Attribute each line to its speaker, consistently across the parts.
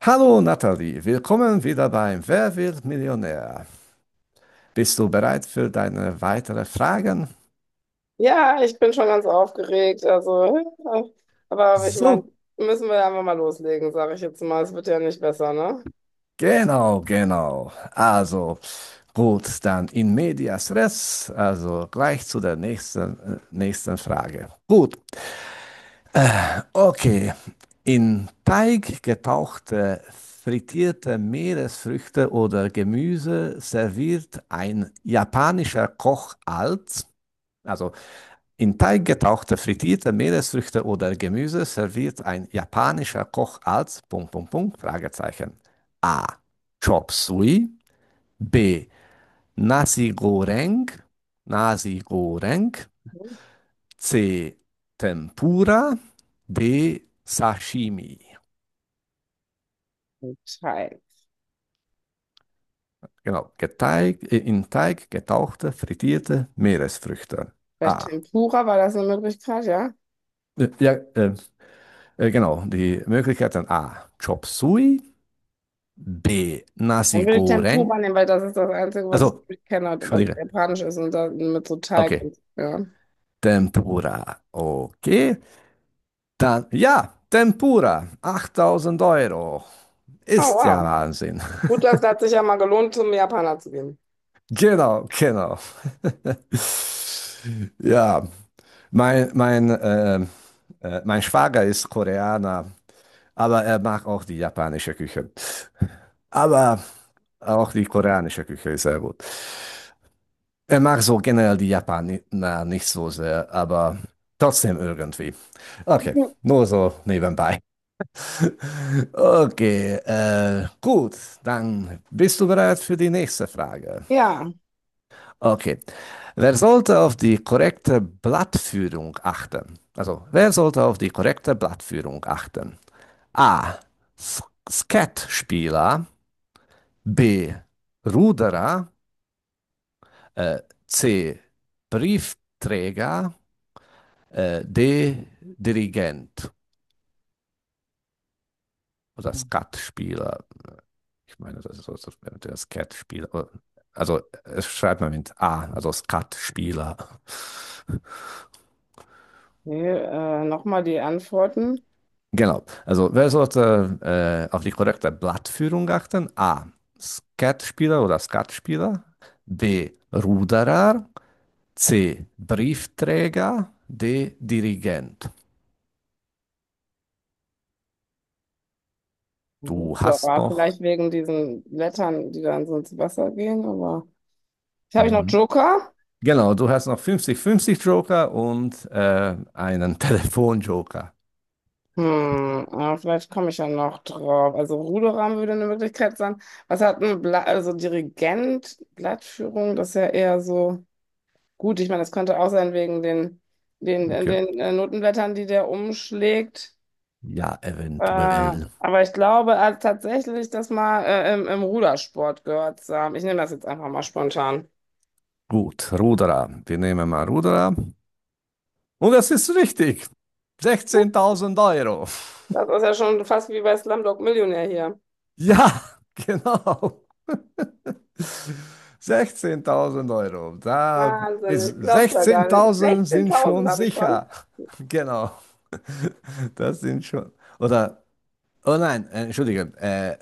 Speaker 1: Hallo Nathalie, willkommen wieder beim Wer wird Millionär? Bist du bereit für deine weiteren Fragen?
Speaker 2: Ja, ich bin schon ganz aufgeregt. Also, ja, aber ich meine,
Speaker 1: So,
Speaker 2: müssen wir einfach mal loslegen, sage ich jetzt mal. Es wird ja nicht besser, ne?
Speaker 1: genau, genau. Also, gut, dann in medias res, also gleich zu der nächsten Frage. Gut, okay. In Teig getauchte, frittierte Meeresfrüchte oder Gemüse serviert ein japanischer Koch als, also In Teig getauchte frittierte Meeresfrüchte oder Gemüse serviert ein japanischer Koch als Punkt, Punkt, Punkt, Fragezeichen. A. Chop Suey. B. Nasi Goreng. Nasi Goreng. C. Tempura. D. Sashimi.
Speaker 2: Mhm. Teil.
Speaker 1: Genau. In Teig getauchte frittierte Meeresfrüchte.
Speaker 2: Vielleicht
Speaker 1: A.
Speaker 2: Tempura, war das eine Möglichkeit, ja?
Speaker 1: Ja, genau. Die Möglichkeiten A. Chop Suey. B.
Speaker 2: Dann
Speaker 1: Nasi
Speaker 2: will ich Tempura
Speaker 1: Goreng.
Speaker 2: nehmen, weil das ist das Einzige, was ich
Speaker 1: Also,
Speaker 2: wirklich kenne, was
Speaker 1: Entschuldige.
Speaker 2: japanisch ist und dann mit so Teig
Speaker 1: Okay.
Speaker 2: und ja.
Speaker 1: Tempura. Okay. Dann, ja, Tempura. 8.000 Euro.
Speaker 2: Oh,
Speaker 1: Ist ja
Speaker 2: wow.
Speaker 1: Wahnsinn.
Speaker 2: Gut, das hat sich ja mal gelohnt, zum Japaner zu gehen.
Speaker 1: Genau, genau. Ja, mein, mein, ähm, mein Schwager ist Koreaner, aber er mag auch die japanische Küche. Aber auch die koreanische Küche ist sehr gut. Er mag so generell die Japaner nicht so sehr, aber trotzdem irgendwie. Okay,
Speaker 2: Mhm.
Speaker 1: nur so nebenbei. Okay, gut, dann bist du bereit für die nächste Frage.
Speaker 2: Ja,
Speaker 1: Okay, wer sollte auf die korrekte Blattführung achten? Also, wer sollte auf die korrekte Blattführung achten? A. S- Skatspieler, B. Ruderer, äh, C. Briefträger. D. Dirigent oder Skatspieler. Ich meine, das ist so der Skatspieler. Also es schreibt man mit A, also Skatspieler.
Speaker 2: nee, nochmal die Antworten.
Speaker 1: Genau. Also wer sollte auf die korrekte Blattführung achten? A. Skatspieler oder Skatspieler. B. Ruderer. C. Briefträger. D. Dirigent.
Speaker 2: Gut,
Speaker 1: Du hast
Speaker 2: aber
Speaker 1: noch
Speaker 2: vielleicht wegen diesen Blättern, die dann so ins Wasser gehen, aber. Habe ich noch
Speaker 1: Mhm.
Speaker 2: Joker?
Speaker 1: Genau, du hast noch 50-50 Joker und einen Telefon-Joker.
Speaker 2: Hm, ja, vielleicht komme ich ja noch drauf. Also Ruderam würde eine Möglichkeit sein. Was hat ein Bla, also Dirigent, Blattführung, das ist ja eher so gut. Ich meine, das könnte auch sein wegen den, den, den,
Speaker 1: Okay.
Speaker 2: den äh, Notenblättern, die der umschlägt.
Speaker 1: Ja,
Speaker 2: Äh,
Speaker 1: eventuell.
Speaker 2: aber ich glaube tatsächlich, das mal im Rudersport gehört zu haben. Ich nehme das jetzt einfach mal spontan.
Speaker 1: Gut, Ruderer. Wir nehmen mal Ruderer. Und das ist richtig. 16.000 Euro.
Speaker 2: Das ist ja schon fast wie bei Slumdog Millionär hier.
Speaker 1: Ja, genau. 16.000 Euro. Da
Speaker 2: Wahnsinn,
Speaker 1: ist
Speaker 2: ich glaub's ja gar nicht.
Speaker 1: 16.000 sind
Speaker 2: 16.000
Speaker 1: schon
Speaker 2: habe ich schon.
Speaker 1: sicher. Genau. Das sind schon. Oder, oh nein, entschuldige.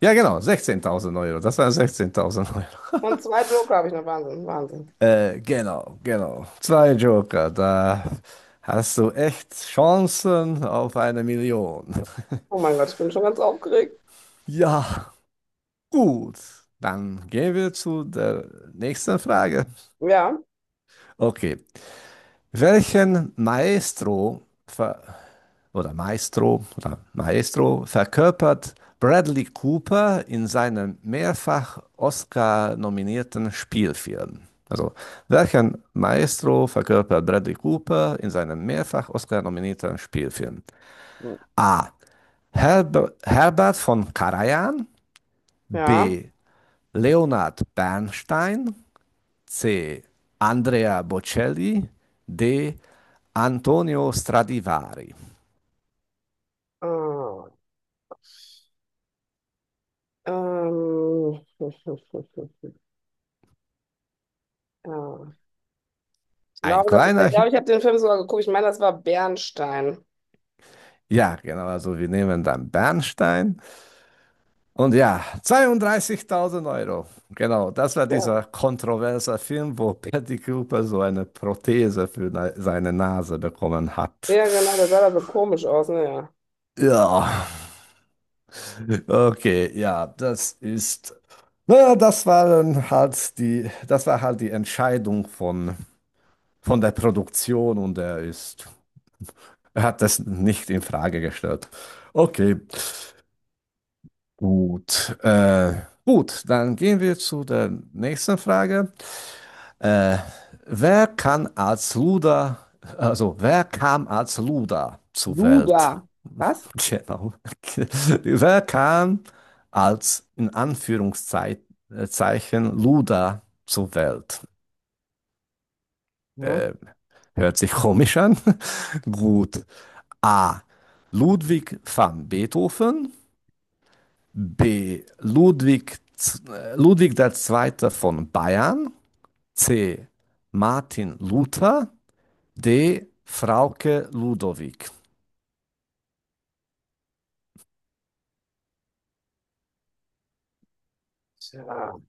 Speaker 1: Ja, genau, 16.000 Euro. Das waren 16.000 Euro.
Speaker 2: Und zwei Joker habe ich noch. Wahnsinn, Wahnsinn.
Speaker 1: Genau, genau. Zwei Joker, da hast du echt Chancen auf eine Million.
Speaker 2: Oh mein Gott, ich bin schon ganz aufgeregt.
Speaker 1: Ja, gut. Dann gehen wir zu der nächsten Frage.
Speaker 2: Ja,
Speaker 1: Okay. Welchen Maestro ver oder Maestro verkörpert Bradley Cooper in seinem mehrfach Oscar-nominierten Spielfilm. Also, welchen Maestro verkörpert Bradley Cooper in seinem mehrfach Oscar-nominierten Spielfilm? A. Herbert von Karajan.
Speaker 2: ja.
Speaker 1: B. Leonard Bernstein. C. Andrea Bocelli. D. Antonio Stradivari.
Speaker 2: Ah, ähm. Ja. Ich
Speaker 1: Ein
Speaker 2: glaube, das ist, ich
Speaker 1: kleiner
Speaker 2: glaube, ich habe den Film sogar geguckt. Ich meine, das war Bernstein.
Speaker 1: Ja, genau. Also wir nehmen dann Bernstein. Und ja, 32.000 Euro. Genau, das war
Speaker 2: Ja,
Speaker 1: dieser kontroverse Film, wo Patty Cooper so eine Prothese für seine Nase bekommen hat.
Speaker 2: ja, genau, der sah da so komisch aus, naja.
Speaker 1: Ja, okay, ja, das ist. Naja, das war halt die Entscheidung von der Produktion und er hat das nicht in Frage gestellt. Okay. Gut, gut, dann gehen wir zu der nächsten Frage. Äh, wer kann als Luda, wer kam als Luda zur Welt?
Speaker 2: Luda. Was?
Speaker 1: Genau. Wer kam als in Anführungszeichen Luda zur Welt?
Speaker 2: Hm?
Speaker 1: Äh, Hört sich komisch an. Gut. A. Ludwig van Beethoven. B. Ludwig, Ludwig der Zweite von Bayern. C. Martin Luther. D. Frauke Ludowig.
Speaker 2: Tja,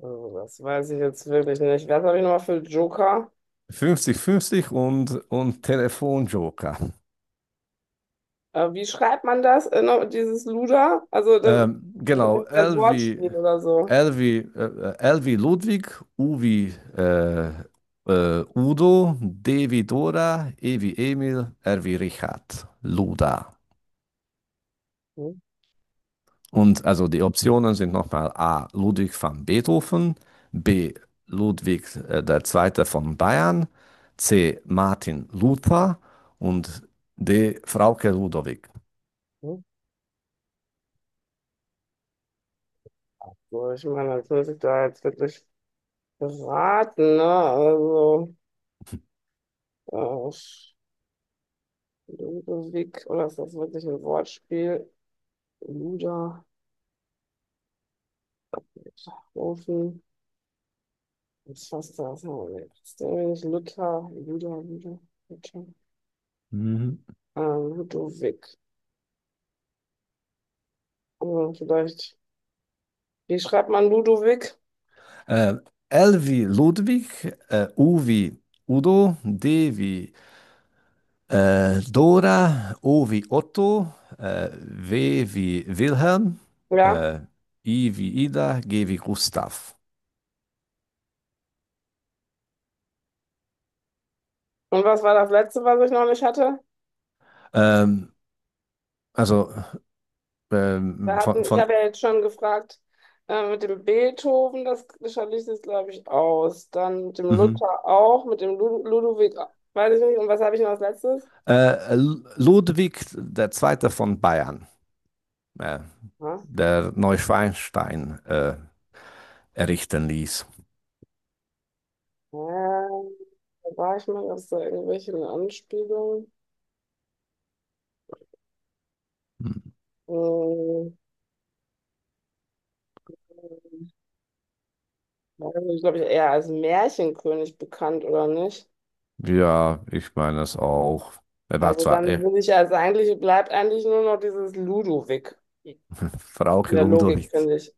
Speaker 2: also das weiß ich jetzt wirklich nicht. Was habe ich nochmal für Joker?
Speaker 1: Fünfzig, fünfzig und Telefonjoker.
Speaker 2: Wie schreibt man das, noch, dieses Luda? Also, das, vielleicht
Speaker 1: Genau,
Speaker 2: ist ja ein Wortspiel oder so.
Speaker 1: L wie Ludwig, U wie Udo, D wie Dora, E wie Emil, R wie Richard. Luda.
Speaker 2: Hm?
Speaker 1: Und also die Optionen sind nochmal A. Ludwig van Beethoven, B. Ludwig der Zweite von Bayern, C. Martin Luther und D. Frauke Ludowig.
Speaker 2: Hm? So, ich meine, das muss ich da jetzt wirklich raten, ne? Also, äh, Ludwig, oder ist das wirklich ein Wortspiel? Luder, Ofen, was fasst das? Ist der nicht Luther, Luder, Luder, Luther?
Speaker 1: Mhm.
Speaker 2: Ludwig. Also, vielleicht, wie schreibt man Ludwig?
Speaker 1: Äh, L wie Ludwig, U wie Udo, D wie Dora, O wie Otto, W wie Wilhelm,
Speaker 2: Ja.
Speaker 1: äh, I wie Ida, G wie Gustav.
Speaker 2: Und was war das letzte, was ich noch nicht hatte?
Speaker 1: Ähm, also
Speaker 2: Wir
Speaker 1: von,
Speaker 2: hatten, ich
Speaker 1: von
Speaker 2: habe ja jetzt schon gefragt, mit dem Beethoven, das schalte ich jetzt, glaube ich, aus. Dann mit dem
Speaker 1: Mhm.
Speaker 2: Luther auch, mit dem Lud Ludwig, auch. Weiß ich nicht. Und was habe ich noch als letztes?
Speaker 1: Äh, Ludwig der Zweite von Bayern, äh,
Speaker 2: Ja,
Speaker 1: der Neuschwanstein errichten ließ.
Speaker 2: da war ich mal, gab es da irgendwelche Anspielungen?
Speaker 1: Mhm.
Speaker 2: Hm, weiß nicht, glaube ich, eher als Märchenkönig bekannt, oder nicht?
Speaker 1: Ja, ich meine es auch. Er war
Speaker 2: Also
Speaker 1: zwar
Speaker 2: dann würde ich also eigentlich, bleibt eigentlich nur noch dieses Ludwig in
Speaker 1: Frauke
Speaker 2: der Logik,
Speaker 1: Ludwig,
Speaker 2: finde ich.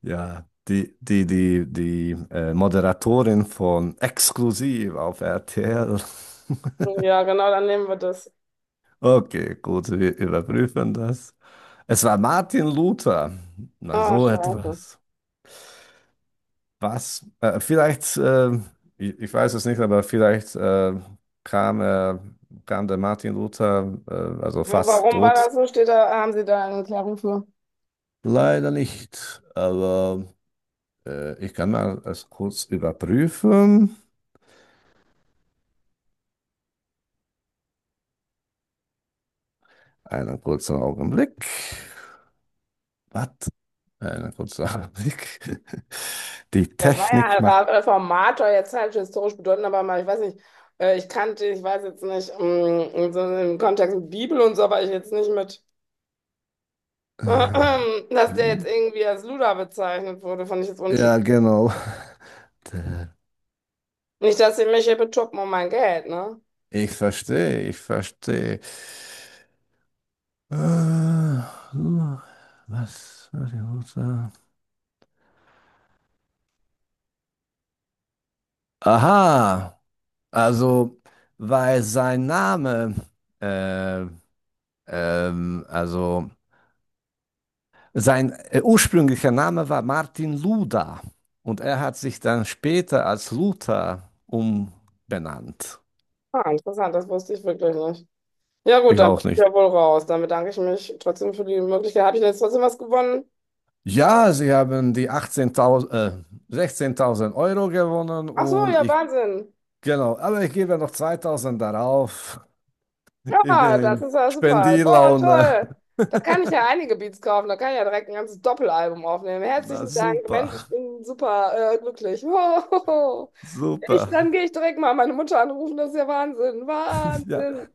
Speaker 1: ja, die, die, die, die Moderatorin von Exklusiv auf RTL.
Speaker 2: Ja, genau, dann nehmen wir das.
Speaker 1: Okay, gut, wir überprüfen das. Es war Martin Luther. Na,
Speaker 2: Ah,
Speaker 1: so
Speaker 2: scheiße.
Speaker 1: etwas. Was? Vielleicht, ich weiß es nicht, aber vielleicht kam, äh, kam der Martin Luther, also fast
Speaker 2: Warum war
Speaker 1: tot.
Speaker 2: das so? Steht da, haben Sie da eine Erklärung für?
Speaker 1: Leider nicht, aber ich kann mal es kurz überprüfen. Einen kurzen Augenblick. Was? Einen kurzen Augenblick. Die
Speaker 2: Der war ja
Speaker 1: Technik
Speaker 2: ein
Speaker 1: macht.
Speaker 2: Ra- Reformator, jetzt halt historisch bedeutend, aber mal, ich weiß nicht, ich kannte, ich weiß jetzt nicht, in so im Kontext mit Bibel und so, aber ich jetzt nicht mit, dass der jetzt
Speaker 1: Ju-
Speaker 2: irgendwie als Luder bezeichnet wurde, fand ich jetzt untypisch.
Speaker 1: Ja, genau.
Speaker 2: Nicht, dass sie mich hier betuppen um mein Geld, ne?
Speaker 1: Ich verstehe, ich verstehe. Äh, so, was ich muss sagen? Aha, also weil sein Name, äh, also sein ursprünglicher Name war Martin Luther und er hat sich dann später als Luther umbenannt.
Speaker 2: Ah, interessant, das wusste ich wirklich nicht. Ja gut,
Speaker 1: Ich
Speaker 2: dann bin
Speaker 1: auch
Speaker 2: ich
Speaker 1: nicht.
Speaker 2: ja wohl raus. Dann bedanke ich mich trotzdem für die Möglichkeit. Habe ich denn jetzt trotzdem was gewonnen?
Speaker 1: Ja, sie haben die 16.000 Euro gewonnen
Speaker 2: Ach so, ja, Wahnsinn.
Speaker 1: genau, aber ich gebe noch 2.000 darauf. Ich bin
Speaker 2: Ja, das
Speaker 1: in
Speaker 2: ist ja super. Boah,
Speaker 1: Spendilaune.
Speaker 2: toll. Da kann ich ja einige Beats kaufen. Da kann ich ja direkt ein ganzes Doppelalbum aufnehmen.
Speaker 1: Na
Speaker 2: Herzlichen Dank.
Speaker 1: super,
Speaker 2: Mensch, ich bin super glücklich. Ich,
Speaker 1: super.
Speaker 2: dann gehe ich direkt mal meine Mutter anrufen. Das ist ja Wahnsinn.
Speaker 1: Ja,
Speaker 2: Wahnsinn.